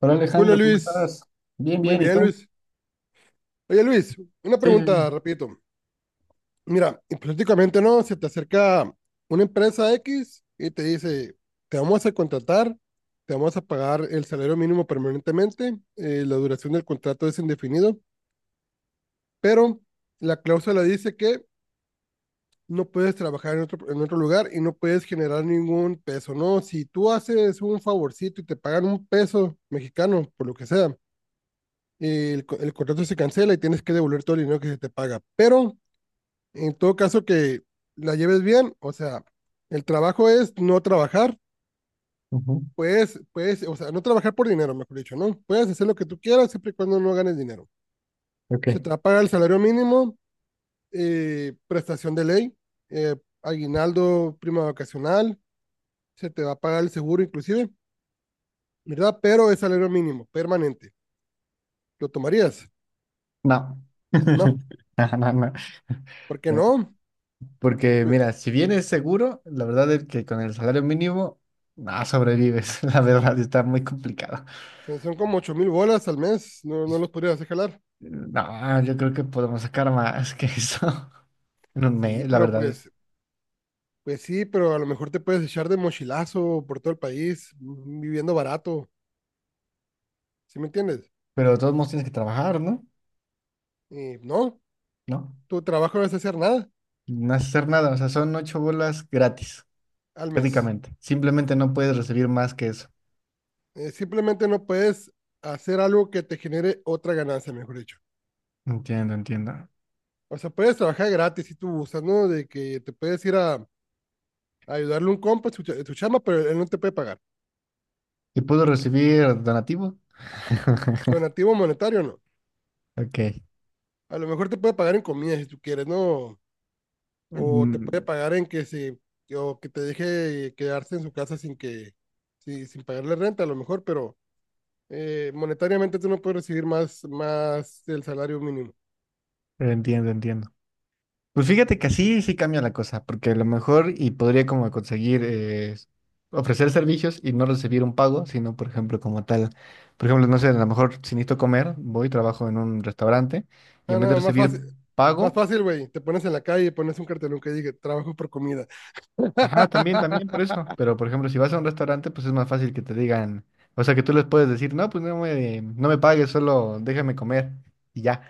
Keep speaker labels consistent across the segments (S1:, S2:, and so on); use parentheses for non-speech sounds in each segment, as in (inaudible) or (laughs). S1: Hola
S2: Hola,
S1: Alejandro, ¿cómo
S2: Luis,
S1: estás? Bien,
S2: muy
S1: bien, ¿y
S2: bien,
S1: tú?
S2: Luis. Oye, Luis, una
S1: Sí, sí,
S2: pregunta,
S1: sí.
S2: repito. Mira, hipotéticamente no, se te acerca una empresa X y te dice, te vamos a contratar, te vamos a pagar el salario mínimo permanentemente, la duración del contrato es indefinido, pero la cláusula dice que no puedes trabajar en otro lugar y no puedes generar ningún peso, ¿no? Si tú haces un favorcito y te pagan un peso mexicano, por lo que sea el contrato se cancela y tienes que devolver todo el dinero que se te paga. Pero en todo caso que la lleves bien, o sea, el trabajo es no trabajar,
S1: Ujú.
S2: puedes, o sea, no trabajar por dinero, mejor dicho, ¿no? Puedes hacer lo que tú quieras siempre y cuando no ganes dinero. Se
S1: Ok,
S2: te va a pagar el salario mínimo, prestación de ley, eh, aguinaldo, prima vacacional, se te va a pagar el seguro inclusive, ¿verdad? Pero es salario mínimo, permanente. ¿Lo tomarías?
S1: no.
S2: No,
S1: (laughs) No, no, no.
S2: ¿por qué no?
S1: Porque mira, si bien es seguro, la verdad es que con el salario mínimo no sobrevives, (laughs) la verdad está muy complicado.
S2: Son como 8.000 bolas al mes, no, no los podrías hacer jalar.
S1: No, yo creo que podemos sacar más que eso (laughs) en un
S2: Sí,
S1: mes, la
S2: pero
S1: verdad.
S2: pues, pues sí, pero a lo mejor te puedes echar de mochilazo por todo el país, viviendo barato, ¿sí me entiendes?
S1: Pero de todos modos tienes que trabajar, ¿no?
S2: Y no,
S1: No,
S2: tu trabajo no es hacer nada
S1: no hacer nada, o sea, son ocho bolas gratis,
S2: al mes.
S1: prácticamente. Simplemente no puedes recibir más que eso.
S2: Simplemente no puedes hacer algo que te genere otra ganancia, mejor dicho.
S1: Entiendo, entiendo.
S2: O sea, puedes trabajar gratis si tú gustas, ¿no? De que te puedes ir a ayudarle a un compa en su chamba, pero él no te puede pagar.
S1: ¿Y puedo recibir donativo? (laughs)
S2: Donativo monetario, no.
S1: Ok.
S2: A lo mejor te puede pagar en comida si tú quieres, ¿no? O te puede
S1: Mm,
S2: pagar en que se, o que te deje quedarse en su casa sin que, sí, sin pagarle renta a lo mejor, pero monetariamente tú no puedes recibir más del salario mínimo.
S1: entiendo, entiendo. Pues fíjate que así sí cambia la cosa, porque a lo mejor y podría como conseguir ofrecer servicios y no recibir un pago, sino por ejemplo como tal, por ejemplo, no sé, a lo mejor si necesito comer, voy, trabajo en un restaurante y
S2: Ah,
S1: en vez de
S2: no,
S1: recibir
S2: más
S1: pago,
S2: fácil, güey, te pones en la calle y pones un cartelón que diga, trabajo por comida,
S1: ajá, también, también, por eso, pero por ejemplo, si vas a un restaurante, pues es más fácil que te digan, o sea, que tú les puedes decir, no, pues no me pagues, solo déjame comer y ya.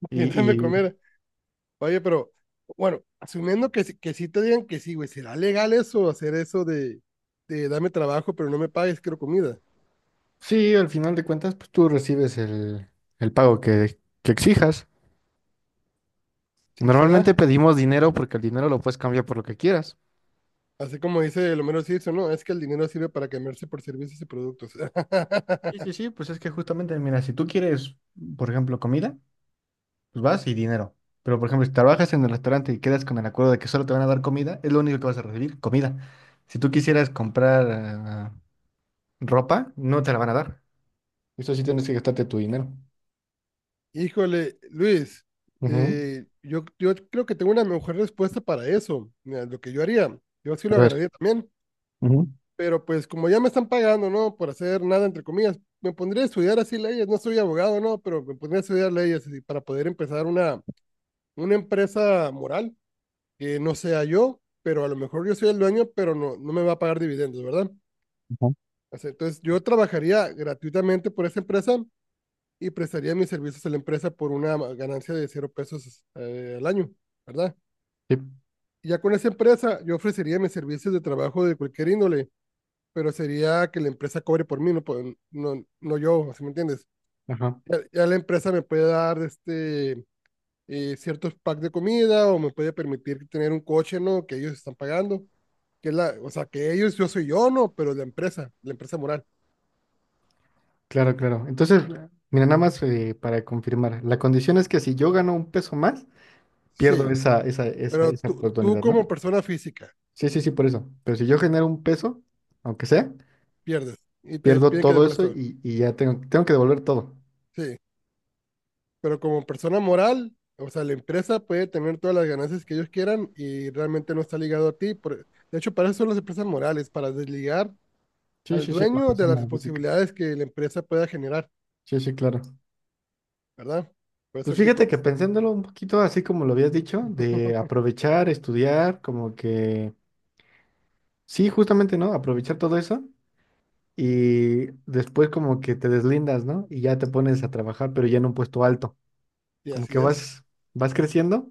S2: (laughs) y dame
S1: Y
S2: comer. Oye, pero, bueno, asumiendo que, que sí te digan que sí, güey, ¿será legal eso, hacer eso de dame trabajo, pero no me pagues, quiero comida?
S1: sí, al final de cuentas, pues tú recibes el pago que exijas.
S2: ¿Sí
S1: Normalmente
S2: será?
S1: pedimos dinero porque el dinero lo puedes cambiar por lo que quieras.
S2: Así como dice el Homero Simpson, ¿no? Es que el dinero sirve para cambiarse por servicios y productos.
S1: Sí,
S2: (laughs)
S1: sí, sí, pues es que justamente, mira, si tú quieres, por ejemplo, comida, pues vas y dinero. Pero, por ejemplo, si trabajas en el restaurante y quedas con el acuerdo de que solo te van a dar comida, es lo único que vas a recibir, comida. Si tú quisieras comprar ah, ropa, no te la van a dar. Eso sí tienes que gastarte tu dinero.
S2: Híjole, Luis,
S1: Ujú.
S2: yo creo que tengo una mejor respuesta para eso. Mira, lo que yo haría, yo sí
S1: A
S2: lo
S1: ver.
S2: agarraría también,
S1: Ujú,
S2: pero pues como ya me están pagando, ¿no? Por hacer nada, entre comillas, me pondría a estudiar así leyes. No soy abogado, ¿no? Pero me pondría a estudiar leyes así, para poder empezar una empresa moral que no sea yo, pero a lo mejor yo soy el dueño, pero no, no me va a pagar dividendos, ¿verdad?
S1: ujú,
S2: O entonces, yo trabajaría gratuitamente por esa empresa y prestaría mis servicios a la empresa por una ganancia de 0 pesos al año, ¿verdad?
S1: sí.
S2: Y ya con esa empresa, yo ofrecería mis servicios de trabajo de cualquier índole, pero sería que la empresa cobre por mí, no, no, no yo, ¿sí me entiendes?
S1: Ajá.
S2: Ya, ya la empresa me puede dar este, ciertos packs de comida o me puede permitir tener un coche, ¿no? Que ellos están pagando, que es la, o sea, que ellos, yo soy yo, ¿no? Pero la empresa moral.
S1: Claro, claro. Entonces, mira, nada más para confirmar, la condición es que si yo gano un peso más, pierdo
S2: Sí,
S1: esa, esa, esa,
S2: pero
S1: esa
S2: tú
S1: oportunidad,
S2: como
S1: ¿no?
S2: persona física
S1: Sí, sí, sí, por eso. Pero si yo genero un peso, aunque sea,
S2: pierdes y te
S1: pierdo
S2: piden que
S1: todo
S2: devuelvas
S1: eso
S2: todo.
S1: y ya tengo que devolver todo.
S2: Sí, pero como persona moral, o sea, la empresa puede tener todas las ganancias que ellos quieran y realmente no está ligado a ti. De hecho, para eso son las empresas morales, para desligar
S1: Sí,
S2: al
S1: sí, sí, a la
S2: dueño de las
S1: persona física.
S2: responsabilidades que la empresa pueda generar,
S1: Sí, sí, claro.
S2: ¿verdad? Por
S1: Pues
S2: eso que
S1: fíjate
S2: cuando,
S1: que pensándolo un poquito así como lo habías dicho, de aprovechar, estudiar, como que, sí, justamente, ¿no? Aprovechar todo eso y después como que te deslindas, ¿no? Y ya te pones a trabajar, pero ya en un puesto alto.
S2: y
S1: Como
S2: así
S1: que
S2: es.
S1: vas creciendo,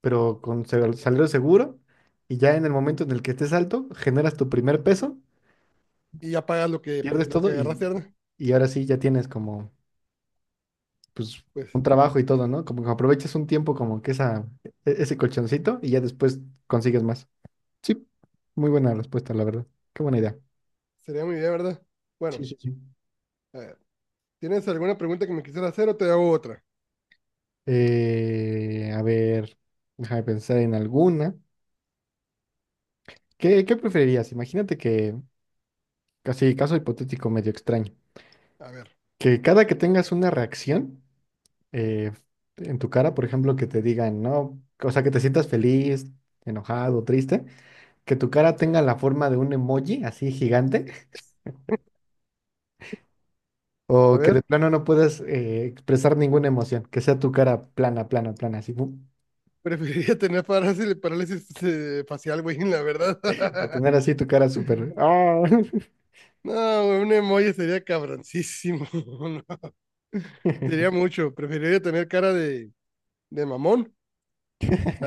S1: pero con salario seguro, y ya en el momento en el que estés alto, generas tu primer peso,
S2: Y ya pagas lo que,
S1: pierdes
S2: lo que
S1: todo
S2: agarraste, ¿verdad?
S1: y ahora sí ya tienes como, pues,
S2: Pues
S1: un trabajo y todo, ¿no? Como que aprovechas un tiempo como que esa, ese colchoncito y ya después consigues más. Sí, muy buena respuesta, la verdad. Qué buena idea.
S2: sería muy bien, ¿verdad? Bueno,
S1: Sí, sí, sí.
S2: a ver, ¿tienes alguna pregunta que me quisieras hacer o te hago otra?
S1: A ver, déjame pensar en alguna. ¿Qué, qué preferirías? Imagínate que, casi caso hipotético medio extraño.
S2: A ver,
S1: Que cada que tengas una reacción eh, en tu cara, por ejemplo, que te digan, no, o sea, que te sientas feliz, enojado, triste, que tu cara tenga la forma de un emoji así gigante,
S2: a
S1: o que de
S2: ver.
S1: plano no puedas expresar ninguna emoción, que sea tu cara plana, plana, plana, así, ¡pum!
S2: Preferiría tener parálisis, facial, güey, la verdad.
S1: A tener
S2: (laughs)
S1: así tu cara súper, ¡ah!
S2: No, güey, un emoji sería cabroncísimo. (laughs) No, sería
S1: (laughs)
S2: mucho. Preferiría tener cara de mamón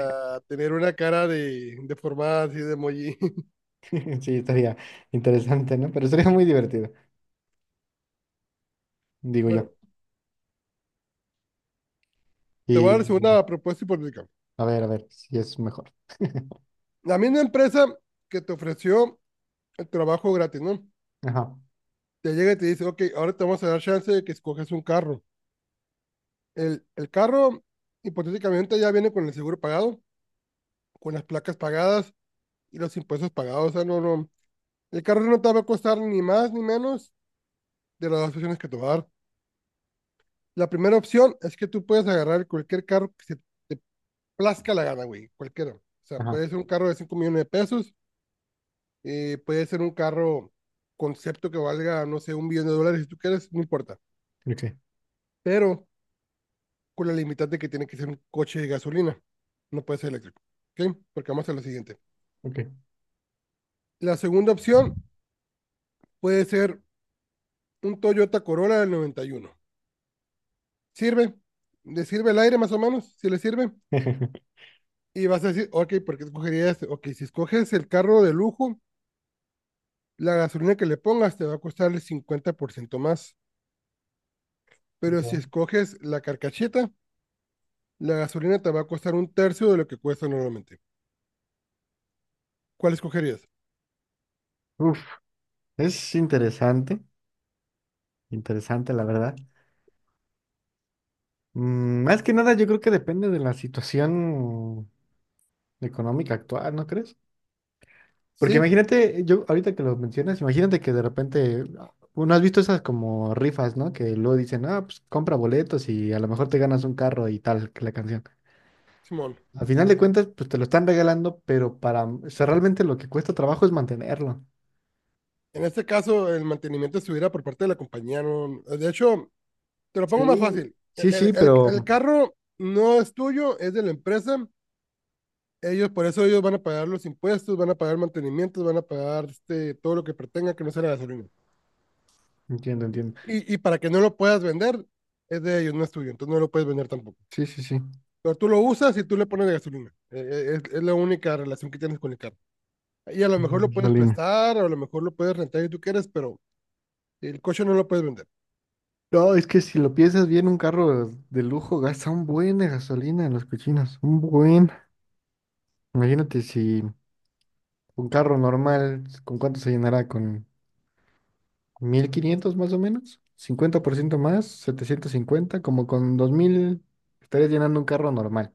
S2: a tener una cara de deformada así de emoji. (laughs)
S1: Sí, estaría interesante, ¿no? Pero sería muy divertido, digo yo.
S2: Bueno, te voy a
S1: Y
S2: dar una propuesta hipotética.
S1: a ver, si es mejor. (laughs)
S2: La misma empresa que te ofreció el trabajo gratis, ¿no?
S1: Ajá,
S2: Te llega y te dice, ok, ahora te vamos a dar chance de que escoges un carro. El carro, hipotéticamente, ya viene con el seguro pagado, con las placas pagadas y los impuestos pagados. O sea, no, no. El carro no te va a costar ni más ni menos de las dos opciones que te va a dar. La primera opción es que tú puedes agarrar cualquier carro que se te plazca la gana, güey, cualquiera. O sea,
S1: ajá,
S2: puede ser un carro de 5 millones de pesos, puede ser un carro concepto que valga, no sé, 1 millón de dólares, si tú quieres, no importa.
S1: ok,
S2: Pero con la limitante que tiene que ser un coche de gasolina, no puede ser eléctrico. ¿Ok? Porque vamos a lo siguiente.
S1: ok.
S2: La segunda opción puede ser un Toyota Corolla del 91. Sirve, le sirve el aire más o menos, si le sirve.
S1: (laughs)
S2: Y vas a decir, ok, ¿por qué escogerías? Ok, si escoges el carro de lujo, la gasolina que le pongas te va a costar el 50% más. Pero si escoges la carcacheta, la gasolina te va a costar un tercio de lo que cuesta normalmente. ¿Cuál escogerías?
S1: Uf, es interesante, interesante la verdad. Más que nada, yo creo que depende de la situación económica actual, ¿no crees? Porque
S2: Sí,
S1: imagínate, yo ahorita que lo mencionas, imagínate que de repente, uno has visto esas como rifas, ¿no? Que luego dicen, ah, pues compra boletos y a lo mejor te ganas un carro y tal, que la canción.
S2: Simón.
S1: Al final de cuentas, pues te lo están regalando, pero para, o sea, realmente lo que cuesta trabajo es mantenerlo.
S2: En este caso, el mantenimiento estuviera por parte de la compañía. No, de hecho, te lo pongo más
S1: Sí.
S2: fácil.
S1: Sí,
S2: El,
S1: sí,
S2: el, el
S1: pero
S2: carro no es tuyo, es de la empresa. Ellos, por eso ellos van a pagar los impuestos, van a pagar mantenimientos, van a pagar este, todo lo que pretenga que no sea la gasolina.
S1: entiendo, entiendo.
S2: Y para que no lo puedas vender, es de ellos, no es tuyo, entonces no lo puedes vender tampoco.
S1: Sí, sí, sí.
S2: Pero tú lo usas y tú le pones de gasolina. Es la única relación que tienes con el carro. Y a lo mejor lo puedes
S1: Solín.
S2: prestar, o a lo mejor lo puedes rentar si tú quieres, pero el coche no lo puedes vender.
S1: No, es que si lo piensas bien, un carro de lujo gasta un buen de gasolina en los cochinos, un buen. Imagínate si un carro normal, ¿con cuánto se llenará? ¿Con 1,500 más o menos? ¿50% más? 750. Como con 2,000 estarías llenando un carro normal.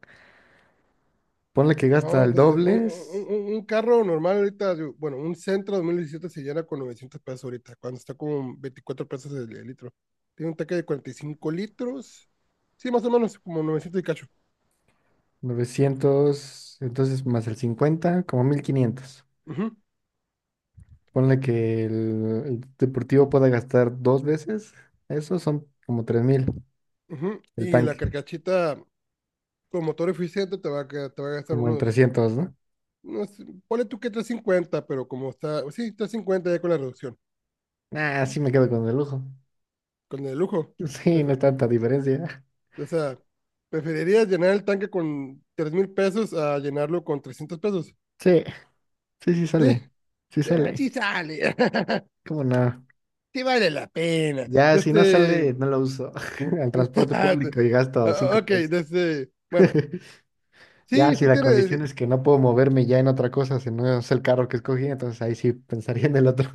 S1: Ponle que
S2: No,
S1: gasta el
S2: entonces, un,
S1: doble, es
S2: un- un- un carro normal ahorita, bueno, un Sentra 2017 se llena con 900 pesos ahorita, cuando está con 24 pesos el litro. Tiene un tanque de 45 litros, sí, más o menos como 900 y cacho.
S1: 900, entonces más el 50, como 1,500.
S2: Ujú,
S1: Ponle que el deportivo pueda gastar dos veces, eso son como 3,000
S2: ujú.
S1: el
S2: Y la
S1: tanque.
S2: carcachita con motor eficiente te va a gastar
S1: Como en
S2: unos,
S1: 300, ¿no?
S2: unos, ponle tú que 350, pero como está, sí, 350 ya con la reducción,
S1: Ah, sí me quedo con el lujo.
S2: con el lujo.
S1: (laughs) Sí, no es
S2: Prefe-
S1: tanta diferencia.
S2: O sea, preferirías llenar el tanque con 3.000 pesos a llenarlo con 300 pesos,
S1: Sí, sí, sí
S2: ¿sí?
S1: sale. Sí
S2: Así
S1: sale.
S2: sale. (laughs)
S1: ¿Cómo no?
S2: Sí vale la pena.
S1: Ya, si no
S2: Desde.
S1: sale, no lo uso. (laughs) Al
S2: (laughs)
S1: transporte
S2: Ah,
S1: público y gasto cinco
S2: ok,
S1: pesos.
S2: desde. Bueno,
S1: (laughs) Ya,
S2: sí,
S1: si
S2: sí
S1: la
S2: tiene.
S1: condición es que no puedo moverme ya en otra cosa, si no es el carro que escogí, entonces ahí sí pensaría en el otro.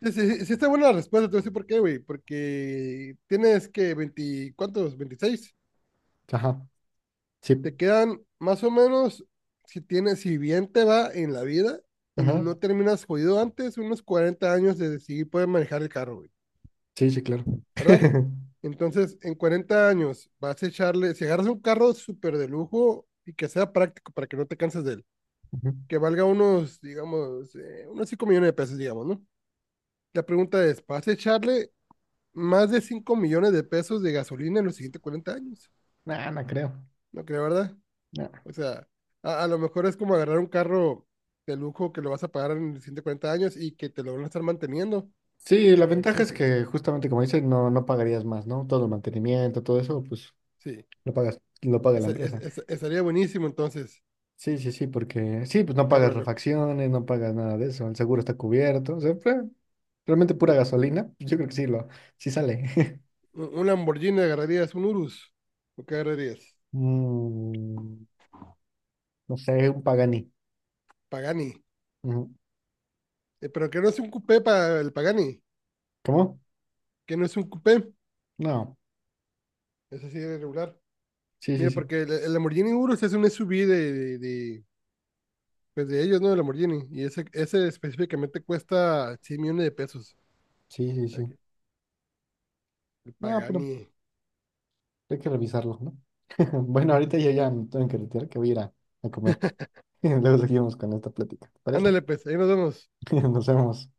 S2: Sí, sí, sí está buena la respuesta, te voy a decir por qué, güey. Porque tienes que 20, ¿cuántos? 26.
S1: (laughs) Ajá. Sí.
S2: Te quedan más o menos, si tienes, si bien te va en la vida y
S1: Ajá.
S2: no terminas jodido antes, unos 40 años de decidir poder manejar el carro, güey.
S1: Sí, sí, claro.
S2: ¿Verdad?
S1: (laughs)
S2: Entonces, en 40 años vas a echarle, si agarras un carro súper de lujo y que sea práctico para que no te canses de él,
S1: Ujú.
S2: que valga unos, digamos, unos 5 millones de pesos, digamos, ¿no? La pregunta es, ¿vas a echarle más de 5 millones de pesos de gasolina en los siguientes 40 años?
S1: Nah, no creo.
S2: No creo, ¿verdad?
S1: No.
S2: O sea, a lo mejor es como agarrar un carro de lujo que lo vas a pagar en los siguientes 40 años y que te lo van a estar manteniendo.
S1: Sí, la ventaja
S2: Sí,
S1: es
S2: sí, sí.
S1: que justamente como dices, no, no pagarías más, ¿no? Todo el mantenimiento, todo eso, pues
S2: Sí,
S1: lo pagas, lo paga la empresa.
S2: Estaría buenísimo entonces
S1: Sí, sí, sí, porque sí, pues
S2: un
S1: no
S2: carro
S1: pagas
S2: de lujo.
S1: refacciones, no pagas nada de eso, el seguro está cubierto, o sea, fue realmente pura gasolina, pues, yo creo que sí, sí sale. (laughs)
S2: Un Lamborghini agarrarías, un Urus. ¿O qué agarrarías?
S1: Mm, no sé, un Pagani.
S2: Pagani.
S1: Ujú.
S2: Pero que no es un coupé para el Pagani.
S1: ¿Cómo?
S2: Que no es un coupé.
S1: No,
S2: Es así de regular.
S1: sí, sí,
S2: Mira,
S1: sí,
S2: porque el Lamborghini Urus es un SUV de pues de ellos, ¿no? El Lamborghini. Y ese específicamente cuesta 100 millones de pesos.
S1: sí, sí, sí.
S2: Aquí, el
S1: No, pero
S2: Pagani.
S1: hay que revisarlo, ¿no? (laughs) Bueno, ahorita yo ya me tengo que retirar, que voy a ir a comer. (laughs) Luego seguimos con esta plática, ¿te parece?
S2: Ándale, pues, ahí nos vemos.
S1: (laughs) Nos vemos.